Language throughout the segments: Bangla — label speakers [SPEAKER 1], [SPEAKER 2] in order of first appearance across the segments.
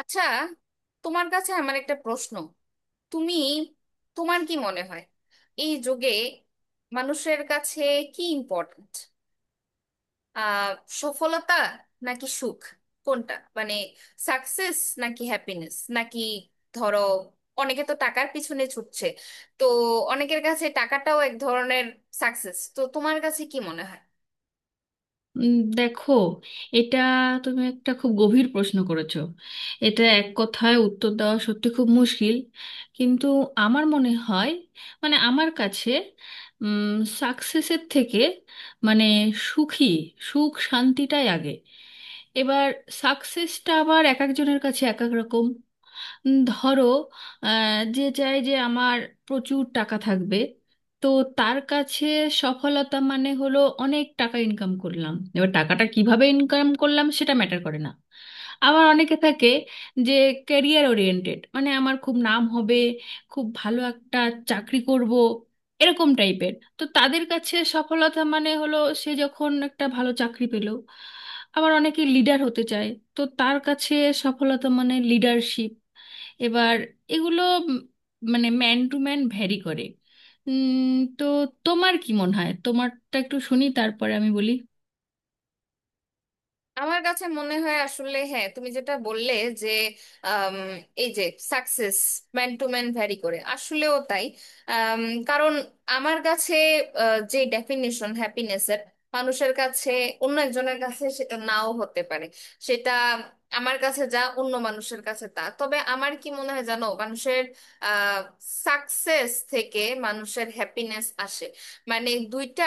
[SPEAKER 1] আচ্ছা, তোমার কাছে আমার একটা প্রশ্ন। তুমি তোমার কি মনে হয়, এই যুগে মানুষের কাছে কি ইম্পর্ট্যান্ট? আহ সফলতা নাকি সুখ? কোনটা, মানে সাকসেস নাকি হ্যাপিনেস? নাকি ধরো, অনেকে তো টাকার পিছনে ছুটছে, তো অনেকের কাছে টাকাটাও এক ধরনের সাকসেস। তো তোমার কাছে কি মনে হয়?
[SPEAKER 2] দেখো, এটা তুমি একটা খুব গভীর প্রশ্ন করেছো। এটা এক কথায় উত্তর দেওয়া সত্যি খুব মুশকিল, কিন্তু আমার মনে হয়, মানে আমার কাছে সাকসেসের থেকে মানে সুখী সুখ শান্তিটাই আগে। এবার সাকসেসটা আবার এক একজনের কাছে এক এক রকম। ধরো, যে চায় যে আমার প্রচুর টাকা থাকবে, তো তার কাছে সফলতা মানে হলো অনেক টাকা ইনকাম করলাম, এবার টাকাটা কিভাবে ইনকাম করলাম সেটা ম্যাটার করে না। আবার অনেকে থাকে যে ক্যারিয়ার ওরিয়েন্টেড, মানে আমার খুব নাম হবে, খুব ভালো একটা চাকরি করব, এরকম টাইপের। তো তাদের কাছে সফলতা মানে হলো সে যখন একটা ভালো চাকরি পেল। আবার অনেকে লিডার হতে চায়, তো তার কাছে সফলতা মানে লিডারশিপ। এবার এগুলো উম মানে ম্যান টু ম্যান ভ্যারি করে। উম, তো তোমার কি মনে হয়? তোমারটা একটু শুনি, তারপরে আমি বলি।
[SPEAKER 1] আমার কাছে মনে হয় আসলে, হ্যাঁ, তুমি যেটা বললে যে আম, এই যে success man to man vary করে, আসলেও তাই। আম, কারণ আমার কাছে যে ডেফিনিশন হ্যাপিনেসের, মানুষের কাছে, অন্য একজনের কাছে সেটা নাও হতে পারে। সেটা আমার কাছে যা, অন্য মানুষের কাছে তা। তবে আমার কি মনে হয় জানো, মানুষের সাকসেস থেকে মানুষের হ্যাপিনেস আসে। মানে দুইটা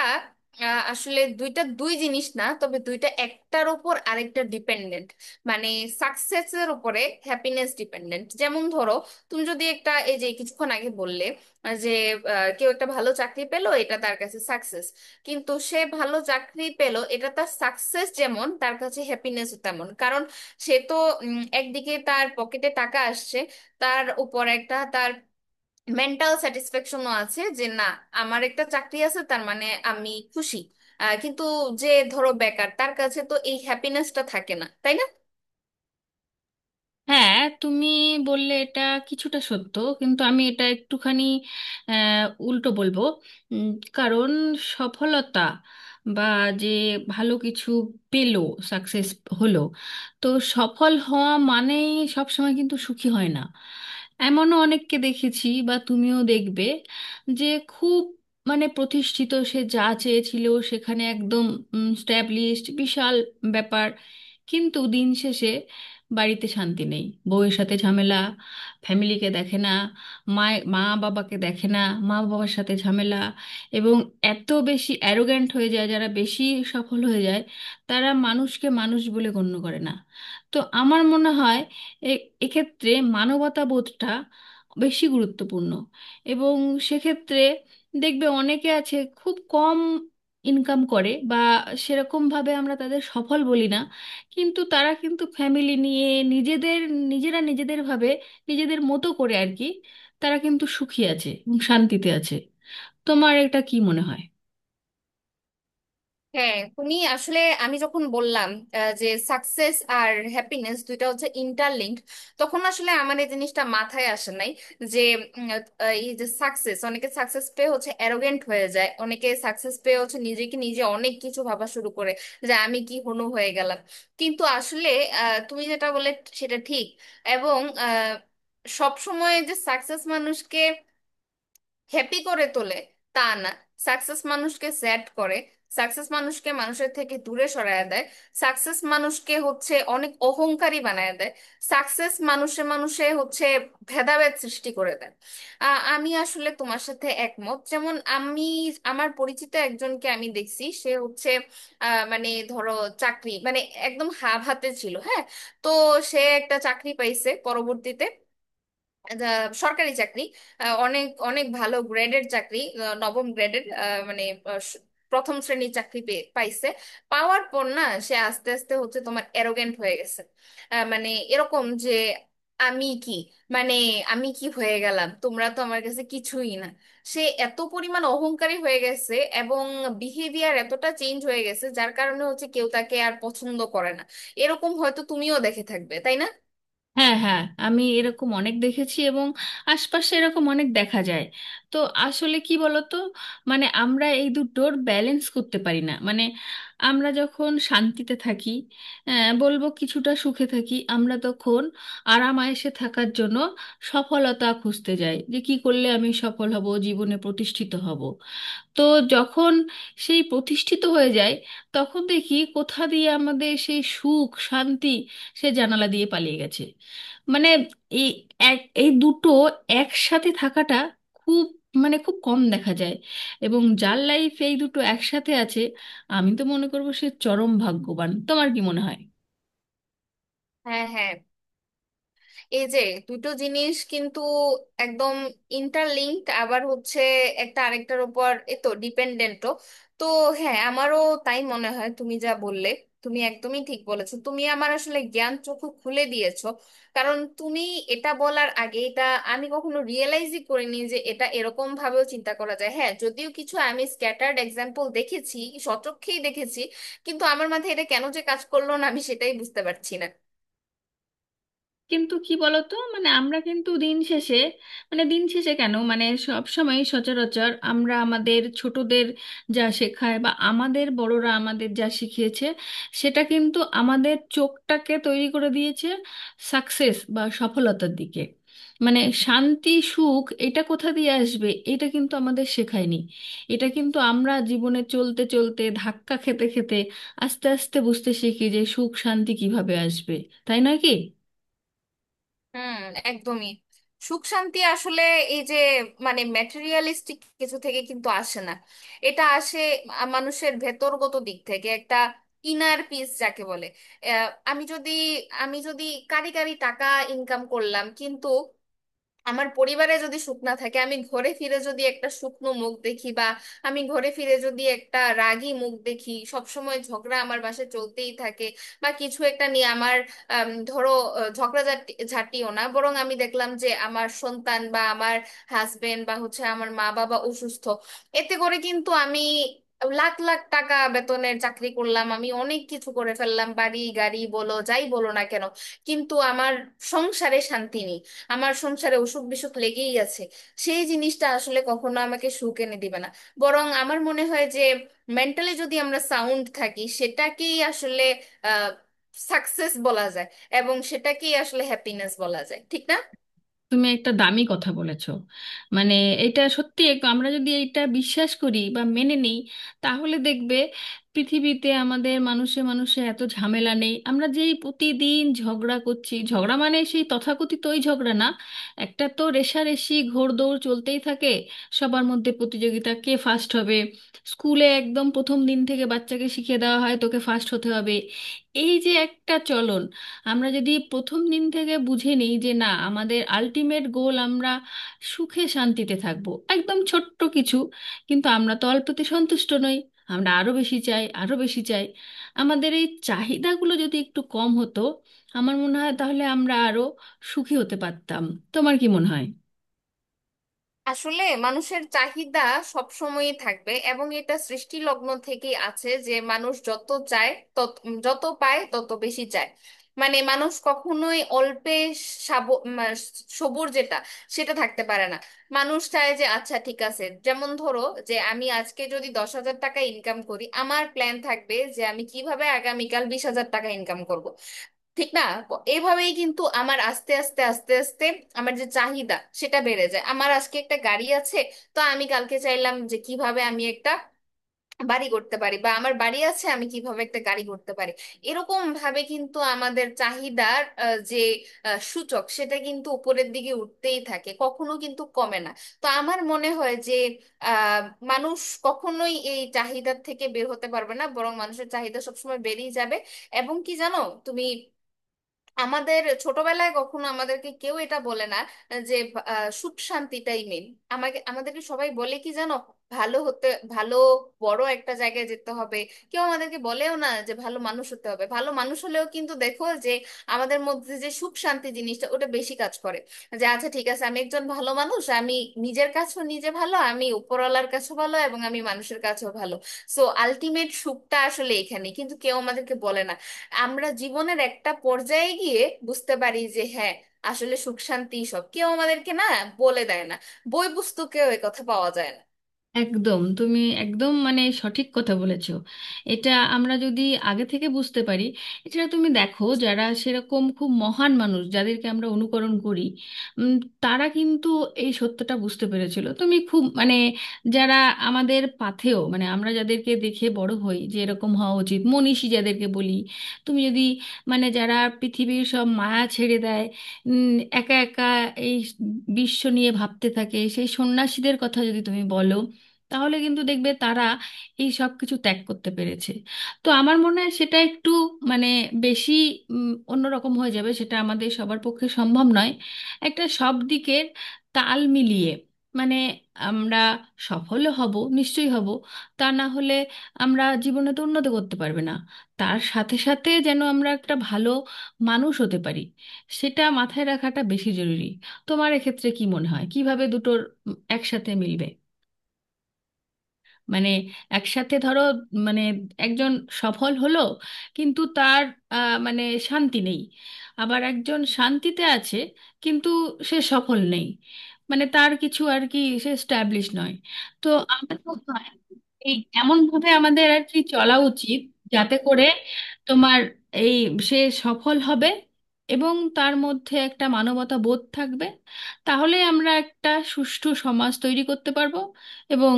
[SPEAKER 1] আসলে দুইটা দুই জিনিস না, তবে দুইটা একটার উপর আরেকটা ডিপেন্ডেন্ট। মানে সাকসেসের উপরে হ্যাপিনেস ডিপেন্ডেন্ট। যেমন ধরো, তুমি যদি একটা, এই যে কিছুক্ষণ আগে বললে আহ, যে কেউ একটা ভালো চাকরি পেলো, এটা তার কাছে সাকসেস। কিন্তু সে ভালো চাকরি পেলো, এটা তার সাকসেস যেমন, তার কাছে হ্যাপিনেস তেমন। কারণ সে তো একদিকে তার পকেটে টাকা আসছে, তার উপর একটা তার মেন্টাল স্যাটিসফ্যাকশনও আছে যে না, আমার একটা চাকরি আছে, তার মানে আমি খুশি। কিন্তু যে ধরো বেকার, তার কাছে তো এই হ্যাপিনেসটা থাকে না, তাই না?
[SPEAKER 2] হ্যাঁ, তুমি বললে এটা কিছুটা সত্য, কিন্তু আমি এটা একটুখানি উল্টো বলবো। উম, কারণ সফলতা বা যে ভালো কিছু পেলো সাকসেস হলো, তো সফল হওয়া মানেই সবসময় কিন্তু সুখী হয় না। এমনও অনেককে দেখেছি বা তুমিও দেখবে যে খুব মানে প্রতিষ্ঠিত, সে যা চেয়েছিল সেখানে একদম স্ট্যাবলিশড, বিশাল ব্যাপার। কিন্তু দিন শেষে বাড়িতে শান্তি নেই, বউয়ের সাথে ঝামেলা, ফ্যামিলিকে দেখে না, মা মা বাবাকে দেখে না, মা বাবার সাথে ঝামেলা, এবং এত বেশি অ্যারোগ্যান্ট হয়ে যায়। যারা বেশি সফল হয়ে যায়, তারা মানুষকে মানুষ বলে গণ্য করে না। তো আমার মনে হয় এ এক্ষেত্রে মানবতাবোধটা বেশি গুরুত্বপূর্ণ। এবং সেক্ষেত্রে দেখবে অনেকে আছে খুব কম ইনকাম করে, বা সেরকমভাবে আমরা তাদের সফল বলি না, কিন্তু তারা কিন্তু ফ্যামিলি নিয়ে নিজেদের নিজেরা নিজেদের ভাবে, নিজেদের মতো করে আর কি। তারা কিন্তু সুখী আছে এবং শান্তিতে আছে। তোমার এটা কি মনে হয়?
[SPEAKER 1] হ্যাঁ, তুমি আসলে, আমি যখন বললাম যে সাকসেস আর হ্যাপিনেস দুইটা হচ্ছে ইন্টারলিঙ্ক, তখন আসলে আমার এই জিনিসটা মাথায় আসে নাই যে এই যে সাকসেস, অনেকে সাকসেস পেয়ে হচ্ছে অ্যারোগেন্ট হয়ে যায়, অনেকে সাকসেস পেয়ে হচ্ছে নিজেকে নিজে অনেক কিছু ভাবা শুরু করে যে আমি কি হনু হয়ে গেলাম। কিন্তু আসলে তুমি যেটা বলে সেটা ঠিক। এবং সব সময় যে সাকসেস মানুষকে হ্যাপি করে তোলে তা না। সাকসেস মানুষকে স্যাড করে, সাকসেস মানুষকে মানুষের থেকে দূরে সরায় দেয়, সাকসেস মানুষকে হচ্ছে অনেক অহংকারী বানায় দেয়, সাকসেস মানুষে মানুষে হচ্ছে ভেদাভেদ সৃষ্টি করে দেয়। আমি আসলে তোমার সাথে একমত। যেমন আমি, আমার পরিচিত একজনকে আমি দেখছি, সে হচ্ছে মানে ধরো, চাকরি মানে একদম হাফ হাতে ছিল, হ্যাঁ। তো সে একটা চাকরি পাইছে পরবর্তীতে, দা- সরকারি চাকরি, অনেক অনেক ভালো গ্রেডের চাকরি, নবম গ্রেডের, মানে আহ, স- প্রথম শ্রেণীর চাকরি পাইছে। পাওয়ার পর না, সে আস্তে আস্তে হচ্ছে তোমার অ্যারোগেন্ট হয়ে গেছে। মানে এরকম যে আমি কি, মানে আমি কি হয়ে গেলাম, তোমরা তো আমার কাছে কিছুই না। সে এত পরিমাণ অহংকারী হয়ে গেছে, এবং বিহেভিয়ার এতটা চেঞ্জ হয়ে গেছে, যার কারণে হচ্ছে কেউ তাকে আর পছন্দ করে না। এরকম হয়তো তুমিও দেখে থাকবে, তাই না?
[SPEAKER 2] হ্যাঁ হ্যাঁ, আমি এরকম অনেক দেখেছি এবং আশপাশে এরকম অনেক দেখা যায়। তো আসলে কি বলতো, মানে আমরা এই দুটোর ব্যালেন্স করতে পারি না। মানে আমরা যখন শান্তিতে থাকি, বলবো কিছুটা সুখে থাকি, আমরা তখন আরাম আয়েসে থাকার জন্য সফলতা খুঁজতে যাই যে কি করলে আমি সফল হব, জীবনে প্রতিষ্ঠিত হব। তো যখন সেই প্রতিষ্ঠিত হয়ে যায়, তখন দেখি কোথা দিয়ে আমাদের সেই সুখ শান্তি সে জানালা দিয়ে পালিয়ে গেছে। মানে এই এই দুটো একসাথে থাকাটা খুব মানে খুব কম দেখা যায়। এবং যার লাইফ এই দুটো একসাথে আছে, আমি তো মনে করবো সে চরম ভাগ্যবান। তোমার কি মনে হয়?
[SPEAKER 1] হ্যাঁ, হ্যাঁ, এই যে দুটো জিনিস কিন্তু একদম ইন্টারলিঙ্কড, আবার হচ্ছে একটা আরেকটার উপর এ তো ডিপেন্ডেন্টও। তো হ্যাঁ, আমারও তাই মনে হয়। তুমি যা বললে, তুমি একদমই ঠিক বলেছো। তুমি আমার আসলে জ্ঞান চক্ষু খুলে দিয়েছো। কারণ তুমি এটা বলার আগে এটা আমি কখনো রিয়েলাইজই করিনি যে এটা এরকম ভাবেও চিন্তা করা যায়। হ্যাঁ, যদিও কিছু আমি স্ক্যাটার্ড এক্সাম্পল দেখেছি, সচক্ষেই দেখেছি, কিন্তু আমার মাথায় এটা কেন যে কাজ করলো না, আমি সেটাই বুঝতে পারছি না।
[SPEAKER 2] কিন্তু কি বলতো, মানে আমরা কিন্তু দিন শেষে, মানে দিন শেষে কেন মানে সব সময় সচরাচর, আমরা আমাদের ছোটদের যা শেখায় বা আমাদের বড়রা আমাদের যা শিখিয়েছে, সেটা কিন্তু আমাদের চোখটাকে তৈরি করে দিয়েছে সাকসেস বা সফলতার দিকে। মানে শান্তি সুখ এটা কোথা দিয়ে আসবে এটা কিন্তু আমাদের শেখায়নি। এটা কিন্তু আমরা জীবনে চলতে চলতে ধাক্কা খেতে খেতে আস্তে আস্তে বুঝতে শিখি যে সুখ শান্তি কিভাবে আসবে। তাই নয় কি?
[SPEAKER 1] হুম, একদমই। সুখ শান্তি আসলে এই যে, মানে ম্যাটেরিয়ালিস্টিক কিছু থেকে কিন্তু আসে না। এটা আসে মানুষের ভেতরগত দিক থেকে, একটা ইনার পিস যাকে বলে। আহ, আমি যদি আমি যদি কারি কারি টাকা ইনকাম করলাম, কিন্তু আমার পরিবারে যদি সুখ না থাকে, আমি ঘরে ফিরে যদি একটা শুকনো মুখ দেখি, বা আমি ঘরে ফিরে যদি একটা রাগী মুখ দেখি, সব সময় ঝগড়া আমার বাসায় চলতেই থাকে, বা কিছু একটা নিয়ে আমার ধরো ঝাঁটিও না, বরং আমি দেখলাম যে আমার সন্তান, বা আমার হাজবেন্ড, বা হচ্ছে আমার মা বাবা অসুস্থ, এতে করে কিন্তু আমি লাখ লাখ টাকা বেতনের চাকরি করলাম, আমি অনেক কিছু করে ফেললাম, বাড়ি গাড়ি বলো যাই বলো না কেন, কিন্তু আমার সংসারে শান্তি নেই, আমার সংসারে অসুখ বিসুখ লেগেই আছে, সেই জিনিসটা আসলে কখনো আমাকে সুখ এনে দিবে না। বরং আমার মনে হয় যে মেন্টালি যদি আমরা সাউন্ড থাকি, সেটাকেই আসলে আহ সাকসেস বলা যায়, এবং সেটাকেই আসলে হ্যাপিনেস বলা যায়, ঠিক না?
[SPEAKER 2] তুমি একটা দামি কথা বলেছো। মানে এটা সত্যি, আমরা যদি এটা বিশ্বাস করি বা মেনে নিই, তাহলে দেখবে পৃথিবীতে আমাদের মানুষে মানুষে এত ঝামেলা নেই। আমরা যেই প্রতিদিন ঝগড়া করছি, ঝগড়া মানে সেই তথাকথিত ওই ঝগড়া না, একটা তো রেষারেষি ঘোড়দৌড় চলতেই থাকে। সবার মধ্যে প্রতিযোগিতা, কে ফার্স্ট হবে। স্কুলে একদম প্রথম দিন থেকে বাচ্চাকে শিখিয়ে দেওয়া হয় তোকে ফার্স্ট হতে হবে। এই যে একটা চলন, আমরা যদি প্রথম দিন থেকে বুঝে নিই যে না, আমাদের আলটিমেট গোল আমরা সুখে শান্তিতে থাকব, একদম ছোট্ট কিছু। কিন্তু আমরা তো অল্পতে সন্তুষ্ট নই, আমরা আরো বেশি চাই আরো বেশি চাই। আমাদের এই চাহিদাগুলো যদি একটু কম হতো, আমার মনে হয় তাহলে আমরা আরো সুখী হতে পারতাম। তোমার কি মনে হয়?
[SPEAKER 1] আসলে মানুষের চাহিদা সব সময়ই থাকবে, এবং এটা সৃষ্টি লগ্ন থেকেই আছে যে মানুষ যত চায় তত, যত পায় তত বেশি চায়। মানে মানুষ কখনোই অল্পে সাব- মা- সবুর, যেটা, সেটা থাকতে পারে না। মানুষ চায় যে আচ্ছা ঠিক আছে, যেমন ধরো যে আমি আজকে যদি 10,000 টাকা ইনকাম করি, আমার প্ল্যান থাকবে যে আমি কিভাবে আগামীকাল 20,000 টাকা ইনকাম করব, ঠিক না? এভাবেই কিন্তু আমার আস্তে আস্তে আমার যে চাহিদা সেটা বেড়ে যায়। আমার আজকে একটা গাড়ি আছে, তো আমি কালকে চাইলাম যে কিভাবে আমি একটা বাড়ি করতে পারি, বা আমার বাড়ি আছে, আমি কিভাবে একটা গাড়ি করতে পারি। এরকম ভাবে কিন্তু আমাদের চাহিদার সূচক সেটা কিন্তু উপরের দিকে উঠতেই থাকে, কখনো কিন্তু কমে না। তো আমার মনে হয় যে আহ মানুষ কখনোই এই চাহিদার থেকে বের হতে পারবে না, বরং মানুষের চাহিদা সবসময় বেড়েই যাবে। এবং কি জানো তুমি, আমাদের ছোটবেলায় কখনো আমাদেরকে কেউ এটা বলে না যে সুখ শান্তিটাই মেন। আমাদেরকে সবাই বলে কি জানো, ভালো হতে, ভালো বড় একটা জায়গায় যেতে হবে। কেউ আমাদেরকে বলেও না যে ভালো মানুষ হতে হবে। ভালো মানুষ হলেও কিন্তু দেখো যে আমাদের মধ্যে যে সুখ শান্তি জিনিসটা ওটা বেশি কাজ করে, যে আচ্ছা ঠিক আছে, আমি একজন ভালো মানুষ, আমি নিজের কাছেও নিজে ভালো, আমি উপরওয়ালার কাছেও ভালো, এবং আমি মানুষের কাছেও ভালো। সো আলটিমেট সুখটা আসলে এখানে, কিন্তু কেউ আমাদেরকে বলে না। আমরা জীবনের একটা পর্যায়ে গিয়ে বুঝতে পারি যে হ্যাঁ, আসলে সুখ শান্তি সব কেউ আমাদেরকে না, বলে দেয় না, বই পুস্তকেও এ কথা পাওয়া যায় না।
[SPEAKER 2] একদম, তুমি একদম মানে সঠিক কথা বলেছো। এটা আমরা যদি আগে থেকে বুঝতে পারি। এটা তুমি দেখো, যারা সেরকম খুব মহান মানুষ যাদেরকে আমরা অনুকরণ করি, উম, তারা কিন্তু এই সত্যটা বুঝতে পেরেছিল। তুমি খুব মানে, যারা আমাদের পাথেয়, মানে আমরা যাদেরকে দেখে বড় হই যে এরকম হওয়া উচিত, মনীষী যাদেরকে বলি, তুমি যদি মানে যারা পৃথিবীর সব মায়া ছেড়ে দেয়, একা একা এই বিশ্ব নিয়ে ভাবতে থাকে, সেই সন্ন্যাসীদের কথা যদি তুমি বলো, তাহলে কিন্তু দেখবে তারা এই সব কিছু ত্যাগ করতে পেরেছে। তো আমার মনে হয় সেটা একটু মানে বেশি অন্যরকম হয়ে যাবে, সেটা আমাদের সবার পক্ষে সম্ভব নয়। একটা সব দিকের তাল মিলিয়ে মানে আমরা সফল হব, নিশ্চয়ই হব, তা না হলে আমরা জীবনে তো উন্নতি করতে পারবে না। তার সাথে সাথে যেন আমরা একটা ভালো মানুষ হতে পারি, সেটা মাথায় রাখাটা বেশি জরুরি। তোমার এক্ষেত্রে কি মনে হয় কিভাবে দুটোর একসাথে মিলবে? মানে একসাথে ধরো, মানে একজন সফল হলো কিন্তু তার মানে শান্তি নেই। আবার একজন শান্তিতে আছে কিন্তু সে সফল নেই, মানে তার কিছু আর কি, সে স্ট্যাবলিশ নয়। তো আমার মনে হয় এই এমন ভাবে আমাদের আর কি চলা উচিত, যাতে করে তোমার এই সে সফল হবে এবং তার মধ্যে একটা মানবতা বোধ থাকবে। তাহলে আমরা একটা সুষ্ঠু সমাজ তৈরি করতে পারবো এবং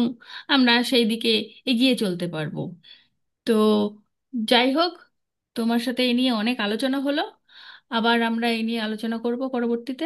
[SPEAKER 2] আমরা সেই দিকে এগিয়ে চলতে পারবো। তো যাই হোক, তোমার সাথে এ নিয়ে অনেক আলোচনা হলো। আবার আমরা এ নিয়ে আলোচনা করব পরবর্তীতে।